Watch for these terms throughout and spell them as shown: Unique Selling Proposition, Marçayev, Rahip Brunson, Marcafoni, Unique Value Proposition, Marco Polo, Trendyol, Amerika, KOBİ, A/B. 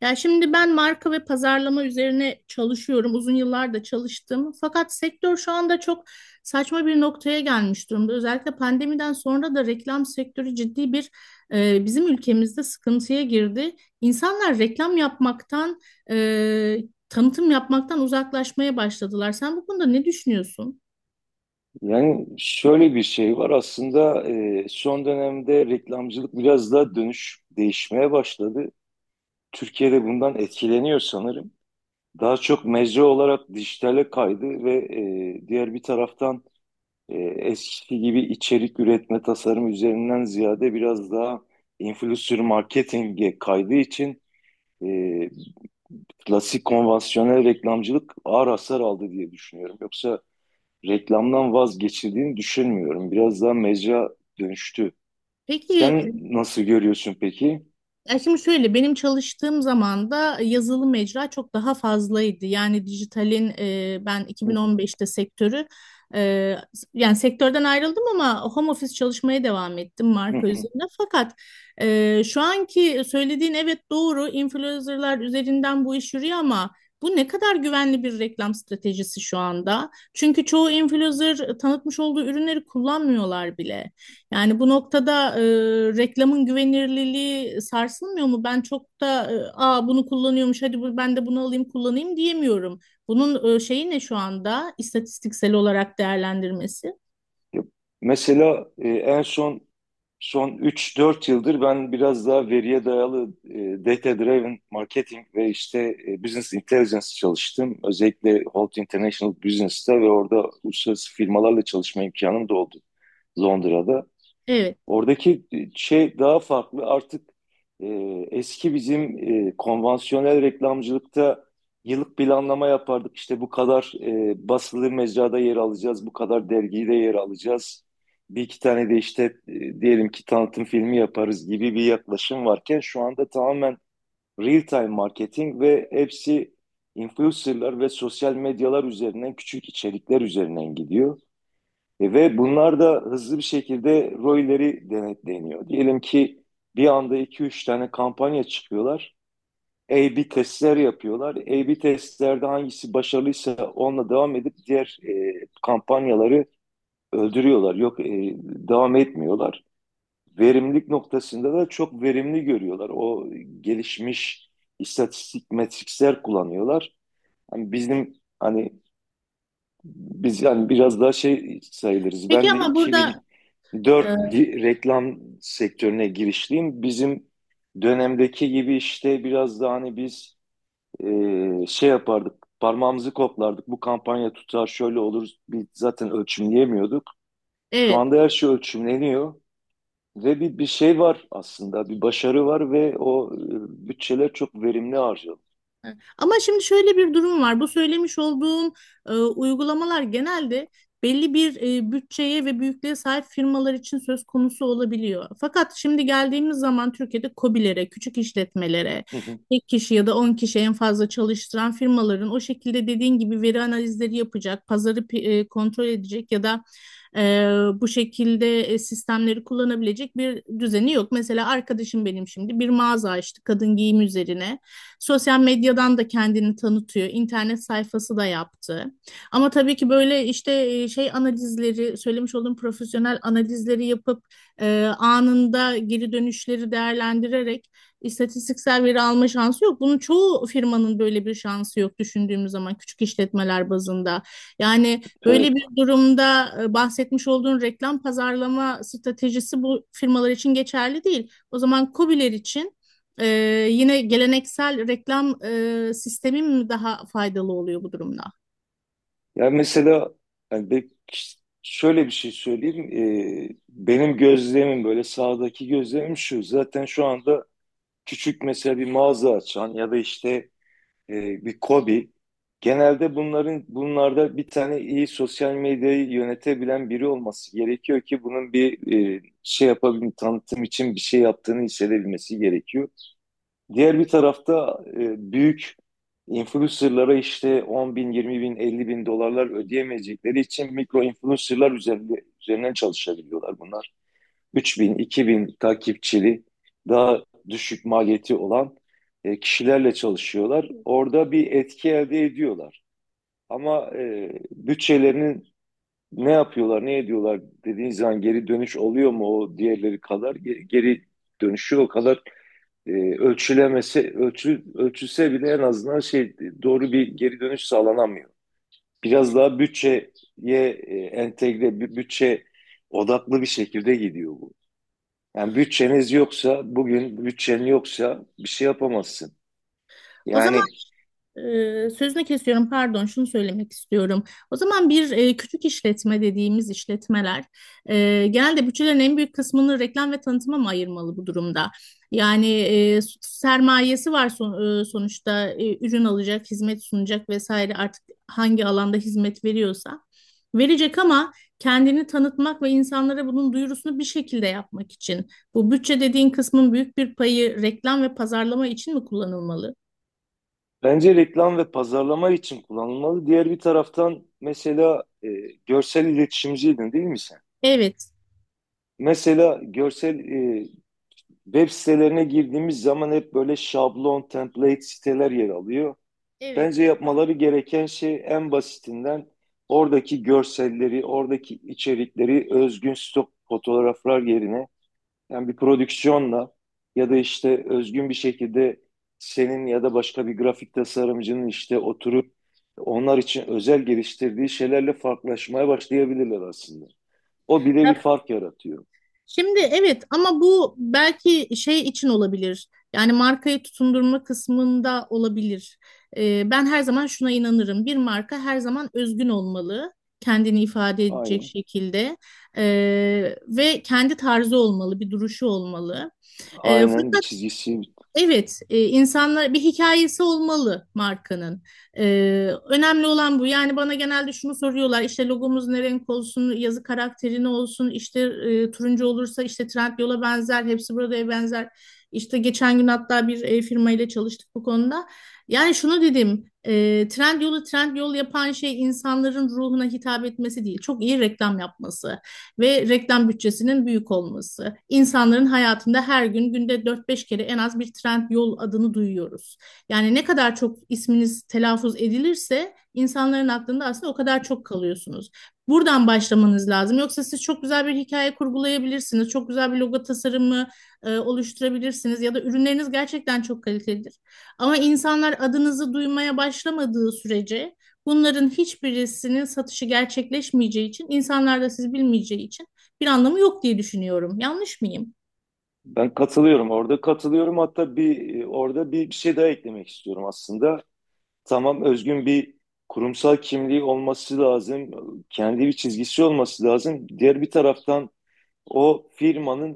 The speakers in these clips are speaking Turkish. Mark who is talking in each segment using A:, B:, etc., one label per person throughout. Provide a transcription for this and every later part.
A: Ya şimdi ben marka ve pazarlama üzerine çalışıyorum. Uzun yıllar da çalıştım. Fakat sektör şu anda çok saçma bir noktaya gelmiş durumda. Özellikle pandemiden sonra da reklam sektörü ciddi bir bizim ülkemizde sıkıntıya girdi. İnsanlar reklam yapmaktan, e, tanıtım yapmaktan uzaklaşmaya başladılar. Sen bu konuda ne düşünüyorsun?
B: Yani şöyle bir şey var aslında, son dönemde reklamcılık biraz daha dönüş değişmeye başladı. Türkiye'de bundan etkileniyor sanırım. Daha çok mecra olarak dijitale kaydı ve diğer bir taraftan eskisi gibi içerik üretme tasarım üzerinden ziyade biraz daha influencer marketinge kaydığı için e, klasik konvansiyonel reklamcılık ağır hasar aldı diye düşünüyorum. Yoksa reklamdan vazgeçildiğini düşünmüyorum. Biraz daha mecra dönüştü.
A: Peki.
B: Sen nasıl görüyorsun peki?
A: Ya şimdi şöyle, benim çalıştığım zaman da yazılı mecra çok daha fazlaydı. Yani dijitalin ben
B: Hı hı,
A: 2015'te sektörü e, yani sektörden ayrıldım ama home office çalışmaya devam ettim
B: hı
A: marka
B: hı.
A: üzerinde. Fakat şu anki söylediğin evet doğru, influencerlar üzerinden bu iş yürüyor ama bu ne kadar güvenli bir reklam stratejisi şu anda? Çünkü çoğu influencer tanıtmış olduğu ürünleri kullanmıyorlar bile. Yani bu noktada reklamın güvenirliliği sarsılmıyor mu? Ben çok da Aa, bunu kullanıyormuş, hadi bu, ben de bunu alayım kullanayım diyemiyorum. Bunun şeyi ne şu anda istatistiksel olarak değerlendirmesi?
B: Ya, mesela en son son üç dört yıldır ben biraz daha veriye dayalı data driven marketing ve işte business intelligence çalıştım. Özellikle Holt International Business'ta ve orada uluslararası firmalarla çalışma imkanım da oldu, Londra'da.
A: Evet.
B: Oradaki şey daha farklı. Artık e, eski bizim konvansiyonel reklamcılıkta yıllık planlama yapardık. İşte bu kadar basılı mecrada yer alacağız, bu kadar dergide yer alacağız. Bir iki tane de işte diyelim ki tanıtım filmi yaparız gibi bir yaklaşım varken şu anda tamamen real time marketing ve hepsi influencerlar ve sosyal medyalar üzerinden küçük içerikler üzerinden gidiyor. Ve bunlar da hızlı bir şekilde ROI'leri denetleniyor. Diyelim ki bir anda iki üç tane kampanya çıkıyorlar. A/B testler yapıyorlar. A/B testlerde hangisi başarılıysa onunla devam edip diğer kampanyaları öldürüyorlar. Yok, devam etmiyorlar. Verimlilik noktasında da çok verimli görüyorlar. O gelişmiş istatistik metrikler kullanıyorlar. Hani bizim, hani biz yani biraz daha şey sayılırız.
A: Peki
B: Ben de
A: ama burada e,
B: 2004 reklam sektörüne girişliyim. Bizim dönemdeki gibi işte biraz daha hani biz şey yapardık, parmağımızı koplardık. Bu kampanya tutar, şöyle olur. Biz zaten ölçümleyemiyorduk. Şu
A: evet.
B: anda her şey ölçümleniyor ve bir şey var aslında, bir başarı var ve o bütçeler çok verimli harcanıyor.
A: Evet. Ama şimdi şöyle bir durum var. Bu söylemiş olduğun uygulamalar genelde belli bir bütçeye ve büyüklüğe sahip firmalar için söz konusu olabiliyor. Fakat şimdi geldiğimiz zaman Türkiye'de KOBİ'lere, küçük işletmelere, tek kişi ya da 10 kişi en fazla çalıştıran firmaların o şekilde dediğin gibi veri analizleri yapacak, kontrol edecek ya da ee, bu şekilde sistemleri kullanabilecek bir düzeni yok. Mesela arkadaşım benim şimdi bir mağaza açtı kadın giyim üzerine. Sosyal medyadan da kendini tanıtıyor. İnternet sayfası da yaptı. Ama tabii ki böyle işte şey analizleri, söylemiş olduğum profesyonel analizleri yapıp anında geri dönüşleri değerlendirerek istatistiksel veri alma şansı yok. Bunun çoğu firmanın böyle bir şansı yok, düşündüğümüz zaman küçük işletmeler bazında. Yani böyle
B: Evet.
A: bir durumda bahsetmiş olduğun reklam pazarlama stratejisi bu firmalar için geçerli değil. O zaman KOBİ'ler için e, yine geleneksel reklam sistemi mi daha faydalı oluyor bu durumda?
B: Yani mesela, yani be- şöyle bir şey söyleyeyim. Benim gözlemim böyle, sağdaki gözlemim şu. Zaten şu anda küçük, mesela bir mağaza açan ya da işte bir KOBİ. Genelde bunlarda bir tane iyi sosyal medyayı yönetebilen biri olması gerekiyor ki bunun bir şey yapabilme, tanıtım için bir şey yaptığını hissedebilmesi gerekiyor. Diğer bir tarafta büyük influencerlara işte 10 bin, 20 bin, 50 bin dolarlar ödeyemeyecekleri için mikro influencerlar üzerinden çalışabiliyorlar bunlar. 3 bin, 2 bin takipçili daha düşük maliyeti olan kişilerle çalışıyorlar. Orada bir etki elde ediyorlar. Ama bütçelerinin ne yapıyorlar, ne ediyorlar dediğin zaman geri dönüş oluyor mu o diğerleri kadar? Geri dönüşü o kadar ölçülse bile en azından şey, doğru bir geri dönüş sağlanamıyor. Biraz daha bütçeye, entegre bütçe odaklı bir şekilde gidiyor bu. Yani bütçeniz yoksa bugün bütçen yoksa bir şey yapamazsın.
A: O zaman
B: Yani
A: Sözünü kesiyorum, pardon, şunu söylemek istiyorum. O zaman bir küçük işletme dediğimiz işletmeler genelde bütçelerin en büyük kısmını reklam ve tanıtıma mı ayırmalı bu durumda? Yani sermayesi var, sonuçta ürün alacak, hizmet sunacak vesaire, artık hangi alanda hizmet veriyorsa verecek, ama kendini tanıtmak ve insanlara bunun duyurusunu bir şekilde yapmak için bu bütçe dediğin kısmın büyük bir payı reklam ve pazarlama için mi kullanılmalı?
B: bence reklam ve pazarlama için kullanılmalı. Diğer bir taraftan, mesela, görsel iletişimciydin değil mi sen?
A: Evet.
B: Mesela görsel, web sitelerine girdiğimiz zaman hep böyle şablon, template siteler yer alıyor. Bence
A: Evet.
B: yapmaları gereken şey, en basitinden, oradaki görselleri, oradaki içerikleri özgün stok fotoğraflar yerine yani bir prodüksiyonla ya da işte özgün bir şekilde senin ya da başka bir grafik tasarımcının işte oturup onlar için özel geliştirdiği şeylerle farklılaşmaya başlayabilirler aslında. O bile bir
A: Ya
B: fark yaratıyor.
A: şimdi evet, ama bu belki şey için olabilir. Yani markayı tutundurma kısmında olabilir. Ben her zaman şuna inanırım. Bir marka her zaman özgün olmalı. Kendini ifade edecek
B: Aynen.
A: şekilde. Ve kendi tarzı olmalı, bir duruşu olmalı. Ee,
B: Aynen, bir çizgisi.
A: Evet, insanlar bir hikayesi olmalı markanın. E, önemli olan bu. Yani bana genelde şunu soruyorlar. İşte logomuz ne renk olsun, yazı karakteri ne olsun, işte turuncu olursa işte Trendyol'a benzer, hepsi burada'ya benzer. İşte geçen gün hatta bir firma ile çalıştık bu konuda. Yani şunu dedim, Trendyol'u Trendyol yapan şey insanların ruhuna hitap etmesi değil, çok iyi reklam yapması ve reklam bütçesinin büyük olması. İnsanların hayatında her gün, günde 4 5 kere en az bir Trendyol adını duyuyoruz. Yani ne kadar çok isminiz telaffuz edilirse insanların aklında aslında o kadar çok kalıyorsunuz. Buradan başlamanız lazım. Yoksa siz çok güzel bir hikaye kurgulayabilirsiniz. Çok güzel bir logo tasarımı oluşturabilirsiniz ya da ürünleriniz gerçekten çok kalitelidir. Ama insanlar adınızı duymaya başlamadığı sürece, bunların hiçbirisinin satışı gerçekleşmeyeceği için, insanlar da siz bilmeyeceği için bir anlamı yok diye düşünüyorum. Yanlış mıyım?
B: Ben katılıyorum, orada katılıyorum. Hatta orada bir şey daha eklemek istiyorum aslında. Tamam, özgün bir kurumsal kimliği olması lazım. Kendi bir çizgisi olması lazım. Diğer bir taraftan o firmanın,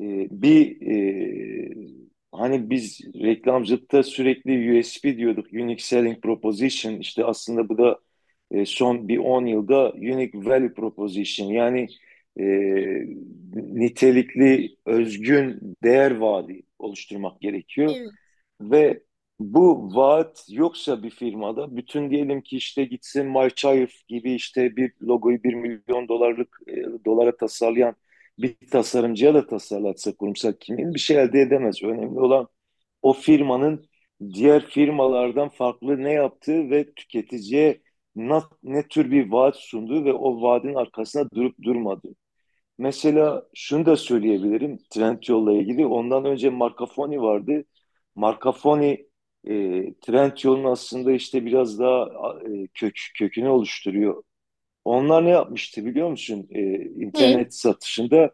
B: e, bir e, hani biz reklamcılıkta sürekli USP diyorduk. Unique Selling Proposition. İşte aslında bu da son bir 10 yılda Unique Value Proposition. Yani e, nitelikli, özgün değer vaadi oluşturmak gerekiyor.
A: Evet.
B: Ve bu vaat yoksa bir firmada, bütün, diyelim ki işte gitsin Marçayev gibi işte bir logoyu 1 milyon dolara tasarlayan bir tasarımcıya da tasarlatsa, kurumsal kimliğini bir şey elde edemez. Önemli olan o firmanın diğer firmalardan farklı ne yaptığı ve tüketiciye ne tür bir vaat sunduğu ve o vaadin arkasında durup durmadığı. Mesela şunu da söyleyebilirim Trendyol'la ilgili. Ondan önce Marcafoni vardı. Marcafoni e, Trendyol'un aslında işte biraz daha kökünü oluşturuyor. Onlar ne yapmıştı biliyor musun? E,
A: Ne?
B: internet satışında,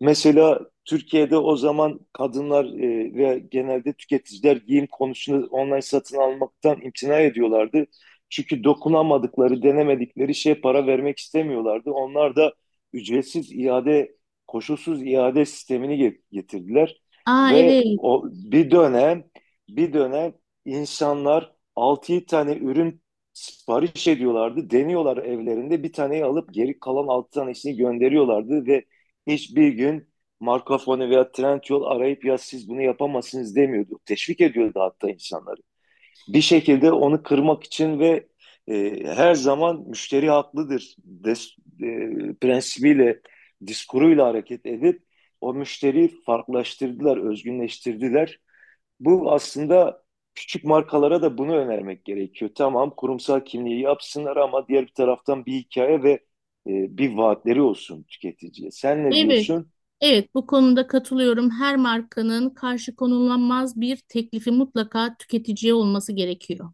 B: mesela Türkiye'de o zaman kadınlar ve genelde tüketiciler giyim konusunda online satın almaktan imtina ediyorlardı. Çünkü dokunamadıkları, denemedikleri şeye para vermek istemiyorlardı. Onlar da ücretsiz iade, koşulsuz iade sistemini getirdiler.
A: Aa,
B: Ve
A: evet.
B: o bir dönem insanlar 6 tane ürün sipariş ediyorlardı. Deniyorlar evlerinde. Bir taneyi alıp geri kalan 6 tanesini gönderiyorlardı ve hiçbir gün Marco Polo veya Trendyol arayıp, ya siz bunu yapamazsınız, demiyordu. Teşvik ediyordu hatta insanları. Bir şekilde onu kırmak için ve her zaman müşteri haklıdır e, prensibiyle, diskuruyla hareket edip o müşteriyi farklılaştırdılar, özgünleştirdiler. Bu aslında küçük markalara da bunu önermek gerekiyor. Tamam, kurumsal kimliği yapsınlar, ama diğer bir taraftan bir hikaye ve bir vaatleri olsun tüketiciye. Sen ne
A: Evet.
B: diyorsun?
A: Evet, bu konuda katılıyorum. Her markanın karşı konulamaz bir teklifi mutlaka tüketiciye olması gerekiyor.